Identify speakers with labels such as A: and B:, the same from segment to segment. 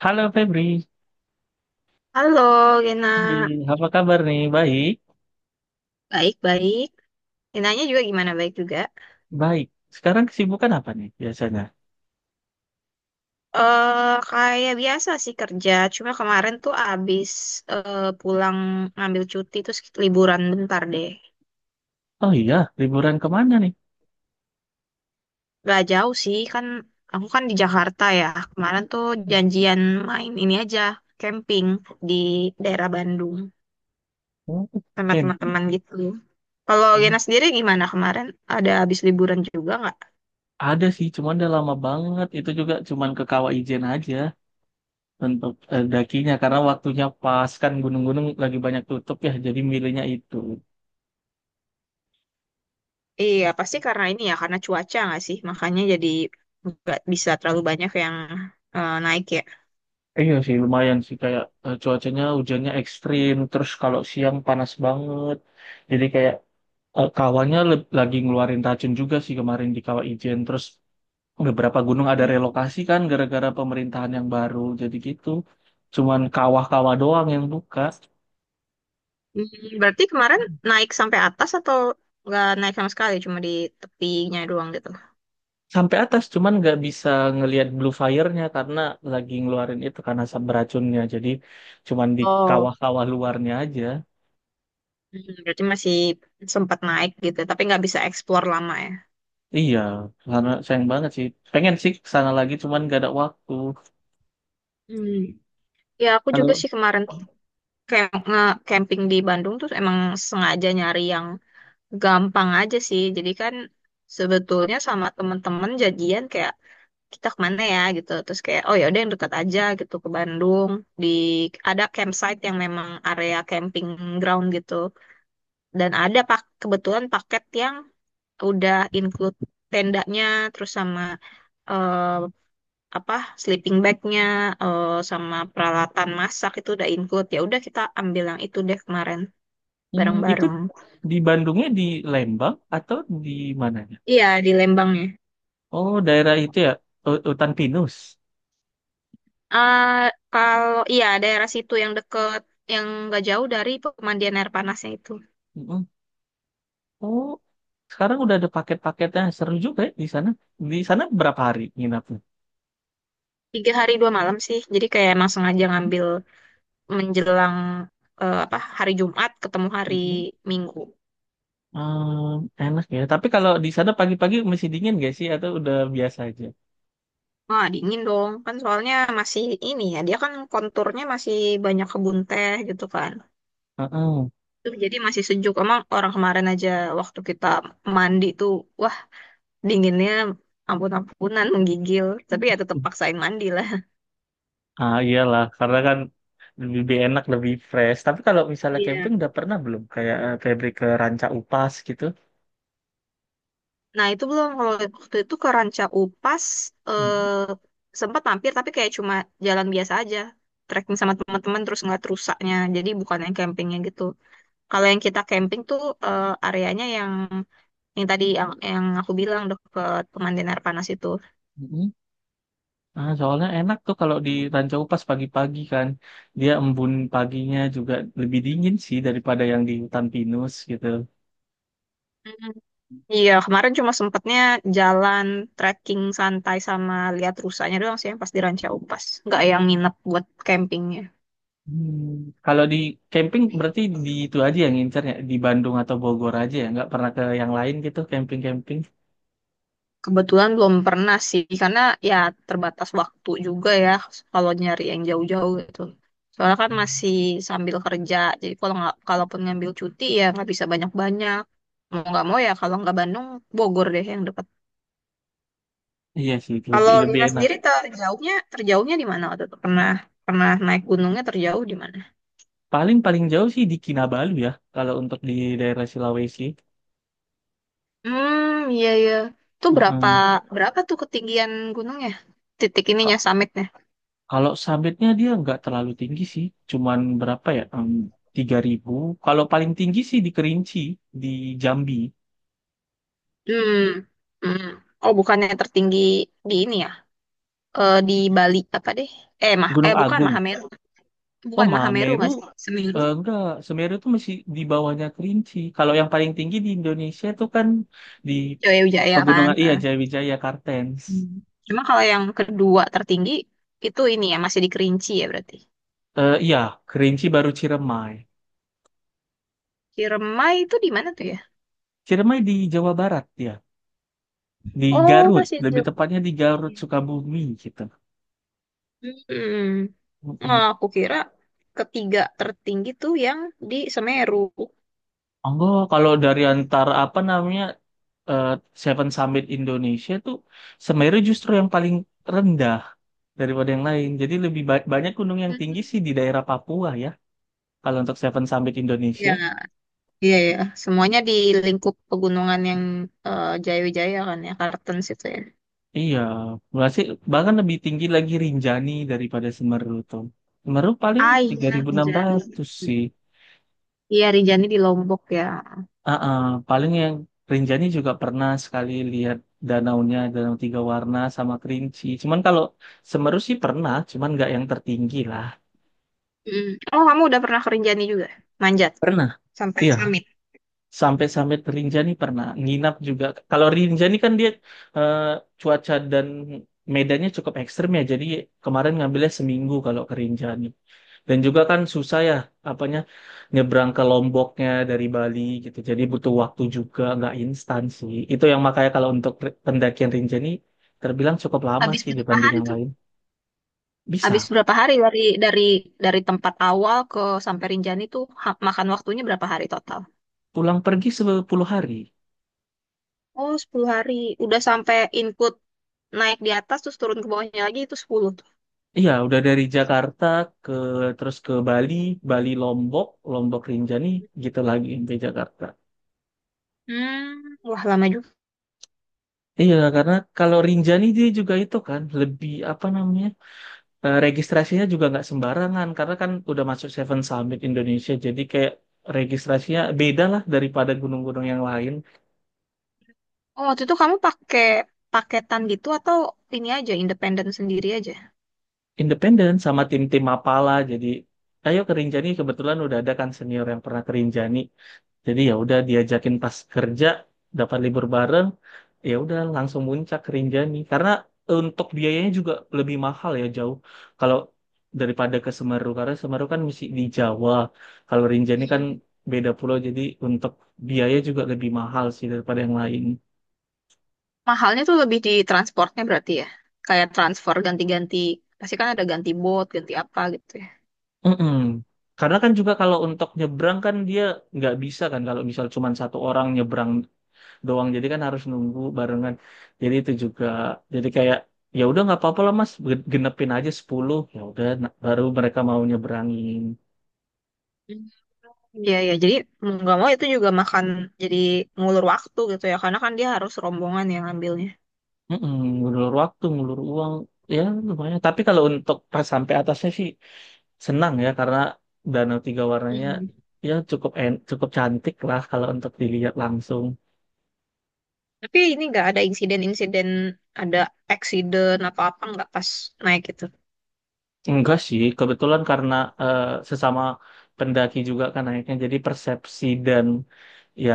A: Halo Febri.
B: Halo, Gena.
A: Hai, apa kabar nih? Baik,
B: Baik-baik. Genanya juga gimana? Baik juga.
A: baik. Sekarang kesibukan apa nih biasanya?
B: Kayak biasa sih kerja. Cuma kemarin tuh abis pulang ngambil cuti terus liburan bentar deh.
A: Oh iya, liburan kemana nih?
B: Gak jauh sih, kan aku kan di Jakarta ya. Kemarin tuh janjian main ini aja, camping di daerah Bandung
A: Oh,
B: sama
A: Ken.
B: teman-teman gitu. Kalau
A: Hmm,
B: Gena sendiri gimana kemarin? Ada abis liburan juga nggak?
A: ada sih, cuman udah lama banget. Itu juga cuman ke Kawaijen aja untuk dakinya karena waktunya pas kan gunung-gunung lagi banyak tutup ya, jadi milihnya itu.
B: Iya, pasti karena ini ya, karena cuaca nggak sih? Makanya jadi nggak bisa terlalu banyak yang naik ya.
A: Iya sih, lumayan sih kayak cuacanya hujannya ekstrim, terus kalau siang panas banget. Jadi kayak kawannya lagi ngeluarin racun juga sih kemarin di Kawaijen. Terus beberapa gunung ada
B: Hmm.
A: relokasi kan gara-gara pemerintahan yang baru, jadi gitu, cuman kawah-kawah doang yang buka
B: Berarti kemarin naik sampai atas atau nggak naik sama sekali, cuma di tepinya doang gitu?
A: sampai atas. Cuman nggak bisa ngelihat blue fire-nya karena lagi ngeluarin itu karena asap beracunnya, jadi cuman di
B: Oh.
A: kawah-kawah luarnya aja.
B: Berarti masih sempat naik gitu, tapi nggak bisa explore lama ya.
A: Iya, karena sayang banget sih, pengen sih ke sana lagi cuman nggak ada waktu.
B: Hmm. Ya, aku juga
A: Kalau
B: sih kemarin kayak nge-camping di Bandung tuh emang sengaja nyari yang gampang aja sih. Jadi kan sebetulnya sama temen-temen jadian kayak kita kemana ya gitu terus kayak oh ya udah yang dekat aja gitu ke Bandung di ada campsite yang memang area camping ground gitu dan ada pak kebetulan paket yang udah include tendanya terus sama eh, apa sleeping bagnya sama peralatan masak itu udah include ya udah kita ambil yang itu deh kemarin
A: itu
B: bareng-bareng.
A: di Bandungnya, di Lembang atau di mananya?
B: Iya, di Lembangnya.
A: Oh, daerah itu ya, hutan pinus.
B: Eh kalau iya daerah situ yang deket yang nggak jauh dari pemandian air panasnya itu.
A: Mm-mm. Oh, sekarang udah ada paket-paketnya seru juga ya di sana. Di sana berapa hari nginapnya?
B: 3 hari 2 malam sih jadi kayak emang sengaja
A: Hmm,
B: ngambil menjelang apa hari Jumat ketemu hari
A: hmm.
B: Minggu.
A: Ehm, Enak ya. Tapi kalau di sana pagi-pagi masih dingin gak sih atau udah biasa aja?
B: Wah, dingin dong. Kan soalnya masih ini ya, dia kan konturnya masih banyak kebun teh gitu kan.
A: Heeh.
B: Tuh, jadi masih sejuk. Emang orang kemarin aja waktu kita mandi tuh, wah dinginnya ampun-ampunan, menggigil. Tapi ya tetap paksain mandi lah.
A: Ah iyalah, karena kan lebih enak, lebih fresh. Tapi kalau misalnya
B: Iya.
A: camping udah pernah belum? Kayak pergi ke Ranca Upas gitu.
B: Nah, itu belum kalau waktu itu ke Ranca Upas
A: Mhm,
B: sempat mampir tapi kayak cuma jalan biasa aja, trekking sama teman-teman terus ngeliat rusaknya. Jadi bukan yang campingnya gitu. Kalau yang kita camping tuh areanya yang tadi yang aku bilang deket pemandian air panas itu.
A: mhm. Ah, soalnya enak tuh kalau di Ranca Upas pagi-pagi kan. Dia embun paginya juga lebih dingin sih daripada yang di hutan pinus gitu.
B: Mhm. Iya, kemarin cuma sempatnya jalan trekking santai sama lihat rusaknya doang sih yang pas di Ranca Upas. Nggak yang nginep buat camping.
A: Hmm. Kalau di camping berarti di itu aja yang ngincernya di Bandung atau Bogor aja ya, nggak pernah ke yang lain gitu camping-camping.
B: Kebetulan belum pernah sih, karena ya terbatas waktu juga ya kalau nyari yang jauh-jauh gitu. Soalnya kan masih sambil kerja, jadi kalau nggak kalaupun ngambil cuti ya nggak bisa banyak-banyak. Mau nggak mau ya kalau nggak Bandung, Bogor deh yang dekat.
A: Iya sih,
B: Kalau
A: lebih lebih
B: Lina
A: enak.
B: sendiri terjauhnya terjauhnya di mana waktu itu? Pernah pernah naik gunungnya terjauh di mana?
A: Paling paling jauh sih di Kinabalu ya, kalau untuk di daerah Sulawesi.
B: Hmm, iya, iya. Itu berapa
A: Heeh.
B: berapa tuh ketinggian gunungnya? Titik
A: Ka-
B: ininya summitnya.
A: Kalau sabitnya dia nggak terlalu tinggi sih, cuman berapa ya? 3.000. Kalau paling tinggi sih di Kerinci, di Jambi,
B: Hmm. Hmm. Oh, bukannya tertinggi di ini ya? Di Bali apa deh? Eh, mah
A: Gunung
B: eh bukan
A: Agung.
B: Mahameru.
A: Oh,
B: Bukan Mahameru
A: Mameru,
B: nggak sih? Semeru.
A: enggak, Semeru itu masih di bawahnya Kerinci. Kalau yang paling tinggi di Indonesia itu kan di
B: Jaya Wijaya kan.
A: pegunungan, iya
B: Ah.
A: Jayawijaya Kartens.
B: Hmm. Cuma kalau yang kedua tertinggi itu ini ya masih di Kerinci ya berarti.
A: Iya, Kerinci baru Ciremai.
B: Ciremai itu di mana tuh ya?
A: Ciremai di Jawa Barat ya, di
B: Oh,
A: Garut,
B: masih di
A: lebih
B: Jogja.
A: tepatnya di Garut Sukabumi gitu.
B: Hmm. Nah,
A: Mm-mm.
B: aku kira ketiga tertinggi tuh yang di Semeru.
A: Enggak, kalau dari antara apa namanya eh, Seven Summit Indonesia tuh Semeru justru yang paling rendah daripada yang lain. Jadi lebih banyak gunung yang tinggi
B: Hmm.
A: sih di daerah Papua ya. Kalau untuk Seven Summit Indonesia,
B: Ya, iya ya. Semuanya di lingkup pegunungan yang Jaya Wijaya kan ya, Kartens itu ya.
A: iya, masih bahkan lebih tinggi lagi Rinjani daripada Semeru tuh. Semeru paling
B: Ah,
A: tiga
B: iya,
A: ribu enam
B: Anjani.
A: ratus sih.
B: Iya, Rinjani di Lombok ya.
A: Ah, ah, paling yang Rinjani juga pernah sekali lihat danaunya, danau tiga warna sama Kerinci. Cuman kalau Semeru sih pernah, cuman nggak yang tertinggi lah.
B: Mm. Oh, kamu udah pernah ke Rinjani juga? Manjat
A: Pernah,
B: sampai
A: iya.
B: summit.
A: Sampai-sampai Rinjani pernah. Nginap juga. Kalau Rinjani kan dia eh, cuaca dan medannya cukup ekstrem ya. Jadi kemarin ngambilnya seminggu kalau ke Rinjani. Dan juga kan susah ya, apanya nyebrang ke Lomboknya dari Bali gitu. Jadi butuh waktu juga, nggak instan sih. Itu yang makanya kalau untuk pendakian Rinjani terbilang cukup lama
B: Habis
A: sih
B: berapa
A: dibanding
B: hari
A: yang
B: tuh?
A: lain.
B: Habis
A: Bisa
B: berapa hari dari tempat awal ke sampai Rinjani tuh makan waktunya berapa hari total?
A: pulang pergi 10 hari.
B: Oh, 10 hari. Udah sampai input naik di atas terus turun ke bawahnya lagi itu 10 tuh.
A: Iya, udah dari Jakarta ke, terus ke Bali, Bali Lombok, Lombok Rinjani, gitu lagi sampai Jakarta.
B: Hmm, wah lama juga.
A: Iya, karena kalau Rinjani dia juga itu kan lebih apa namanya? Registrasinya juga nggak sembarangan karena kan udah masuk Seven Summit Indonesia, jadi kayak registrasinya beda lah daripada gunung-gunung yang lain.
B: Oh, waktu itu kamu pakai paketan gitu atau ini aja independen sendiri aja?
A: Independen sama tim-tim Mapala, jadi ayo ke Rinjani. Kebetulan udah ada kan senior yang pernah ke Rinjani. Jadi ya udah diajakin pas kerja dapat libur bareng, ya udah langsung muncak ke Rinjani karena untuk biayanya juga lebih mahal ya, jauh kalau daripada ke Semeru karena Semeru kan masih di Jawa. Kalau Rinjani kan
B: Hmm.
A: beda pulau, jadi untuk biaya juga lebih mahal sih daripada yang lain.
B: Mahalnya tuh lebih di transportnya berarti ya. Kayak transfer ganti-ganti. Pasti kan ada ganti bot, ganti apa gitu ya.
A: Mm-mm. Karena kan juga kalau untuk nyebrang kan dia nggak bisa kan kalau misal cuma satu orang nyebrang doang. Jadi kan harus nunggu barengan, jadi itu juga, jadi kayak ya udah nggak apa-apa lah, mas, genepin aja 10, ya udah, baru mereka mau nyeberangin.
B: Hmm. Iya, ya. Jadi mau nggak mau itu juga makan jadi ngulur waktu gitu ya. Karena kan dia harus rombongan yang ngambilnya.
A: Mm-mm. Ngulur waktu ngulur uang ya lumayan, tapi kalau untuk pas sampai atasnya sih senang ya karena danau tiga warnanya
B: Mhm.
A: ya cukup cantik lah kalau untuk dilihat langsung.
B: Tapi ini nggak ada insiden-insiden, ada accident atau apa nggak pas naik gitu.
A: Enggak sih, kebetulan karena eh, sesama pendaki juga kan naiknya, jadi persepsi dan ya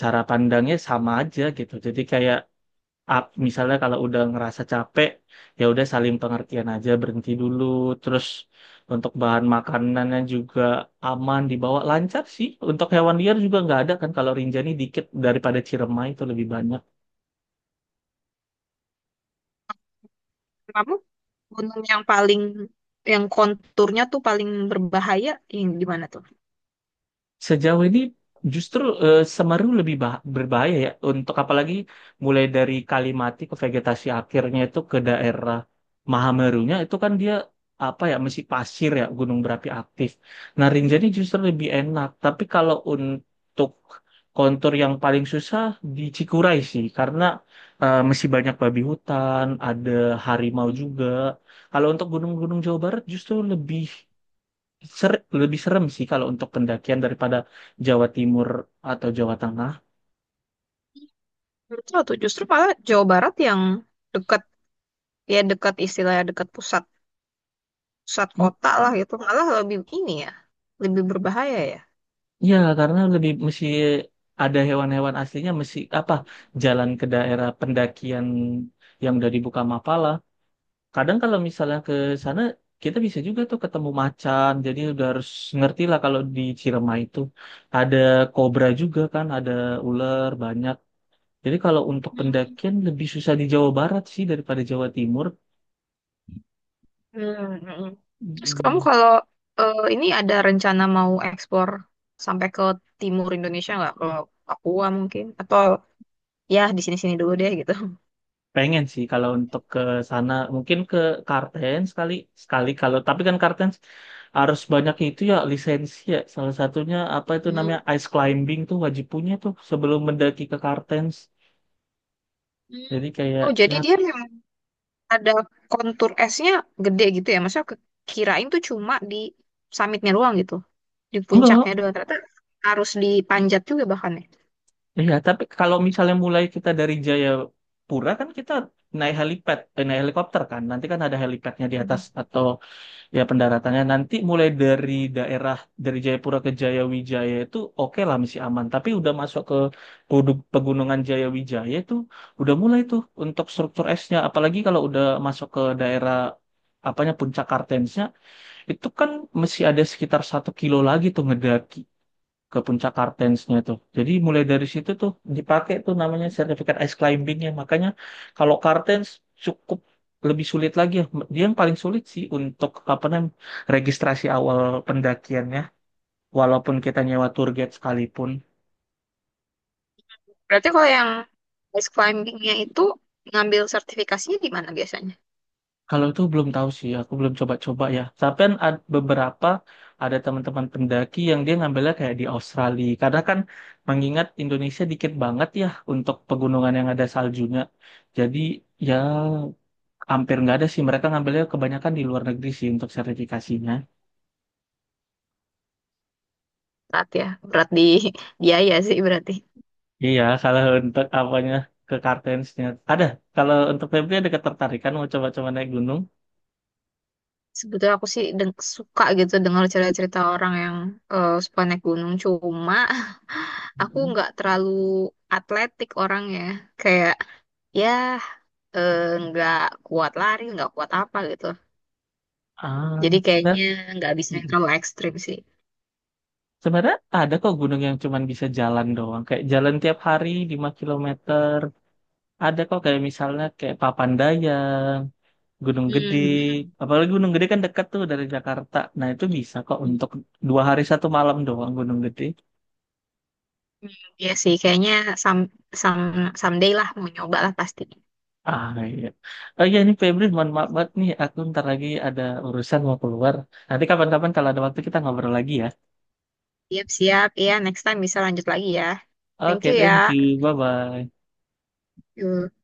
A: cara pandangnya sama aja gitu. Jadi kayak misalnya kalau udah ngerasa capek, ya udah saling pengertian aja, berhenti dulu. Terus untuk bahan makanannya juga aman dibawa, lancar sih. Untuk hewan liar juga nggak ada kan kalau Rinjani, dikit daripada Ciremai itu lebih banyak.
B: Kamu gunung yang paling, yang konturnya tuh paling berbahaya yang di mana tuh?
A: Sejauh ini justru Semeru lebih berbahaya ya, untuk apalagi mulai dari Kalimati ke vegetasi akhirnya itu ke daerah Mahamerunya, itu kan dia apa ya masih pasir ya, gunung berapi aktif. Nah, Rinjani justru lebih enak. Tapi kalau untuk kontur yang paling susah di Cikuray sih karena masih banyak babi hutan, ada harimau
B: Mhm.
A: juga. Kalau untuk gunung-gunung Jawa Barat justru lebih lebih serem sih kalau untuk pendakian daripada Jawa Timur atau Jawa Tengah.
B: Menurut lo tuh justru malah Jawa Barat yang dekat, ya dekat istilahnya dekat pusat. Pusat
A: Mm.
B: kota lah itu malah lebih ini ya lebih berbahaya ya.
A: Ya, karena lebih mesti ada hewan-hewan aslinya, mesti apa jalan ke daerah pendakian yang udah dibuka Mapala. Kadang kalau misalnya ke sana kita bisa juga tuh ketemu macan. Jadi udah harus ngerti lah, kalau di Cirema itu ada kobra juga kan, ada ular banyak. Jadi kalau untuk pendakian lebih susah di Jawa Barat sih daripada Jawa Timur.
B: Hmm, hmm. Terus kamu
A: Mm.
B: kalau ini ada rencana mau ekspor sampai ke timur Indonesia nggak? Ke Papua mungkin? Atau ya di sini-sini dulu deh gitu.
A: Pengen sih kalau untuk ke sana, mungkin ke Kartens sekali sekali. Kalau tapi kan Kartens harus banyak itu ya lisensi ya. Salah satunya apa itu
B: Hmm.
A: namanya ice climbing tuh wajib punya tuh sebelum mendaki ke Kartens.
B: Hmm.
A: Jadi kayak
B: Oh, jadi
A: ya
B: dia memang ada kontur esnya gede gitu ya? Maksudnya kirain tuh cuma di summitnya doang gitu, di
A: enggak.
B: puncaknya doang. Ternyata harus dipanjat juga bahkan
A: Iya, tapi kalau misalnya mulai kita dari Jayapura kan kita naik helipad, naik helikopter kan. Nanti kan ada helipadnya di
B: ya.
A: atas atau ya pendaratannya nanti mulai dari daerah, dari Jayapura ke Jayawijaya itu oke lah, masih aman. Tapi udah masuk ke pegunungan Jayawijaya itu udah mulai tuh untuk struktur esnya. Apalagi kalau udah masuk ke daerah apanya Puncak Kartensnya itu kan masih ada sekitar 1 kilo lagi tuh ngedaki ke puncak Kartensnya tuh. Jadi mulai dari situ tuh dipakai tuh namanya sertifikat ice climbingnya. Makanya kalau Kartens cukup lebih sulit lagi ya. Dia yang paling sulit sih untuk apa namanya registrasi awal pendakiannya. Walaupun kita nyewa tour guide sekalipun.
B: Berarti kalau yang ice climbingnya itu ngambil sertifikasinya di mana biasanya?
A: Kalau itu belum tahu sih, aku belum coba-coba ya. Tapi kan beberapa ada teman-teman pendaki yang dia ngambilnya kayak di Australia. Karena kan mengingat Indonesia dikit banget ya untuk pegunungan yang ada saljunya. Jadi ya hampir nggak ada sih, mereka ngambilnya kebanyakan di luar negeri sih untuk sertifikasinya.
B: Berat ya, berat di biaya sih berarti.
A: Iya, kalau untuk apanya ke kartensnya ada. Kalau untuk Febri ada ketertarikan mau coba-coba naik gunung?
B: Sebetulnya aku sih suka gitu dengar cerita-cerita orang yang suka naik gunung. Cuma aku
A: Mhm.
B: nggak terlalu atletik orangnya. Kayak ya eh, nggak kuat lari, nggak kuat apa gitu.
A: Ah,
B: Jadi kayaknya
A: sebenarnya
B: nggak bisa yang terlalu ekstrim sih.
A: sebenarnya ada kok gunung yang cuman bisa jalan doang kayak jalan tiap hari 5 kilometer. Ada kok, kayak misalnya kayak Papandayan, Gunung Gede.
B: Hmm, hmm,
A: Apalagi Gunung Gede kan dekat tuh dari Jakarta, nah itu bisa kok
B: hmm.
A: untuk 2 hari 1 malam doang Gunung Gede.
B: Iya sih, kayaknya some, some, someday lah mau nyoba lah pasti.
A: Ah iya. Oh iya nih Febri, mohon maaf banget nih. Aku ntar lagi ada urusan mau keluar. Nanti kapan-kapan kalau ada waktu kita ngobrol lagi ya.
B: Siap-siap. Iya, next time bisa lanjut lagi ya. Thank
A: Oke,
B: you ya.
A: thank you. Bye-bye.
B: Yuk.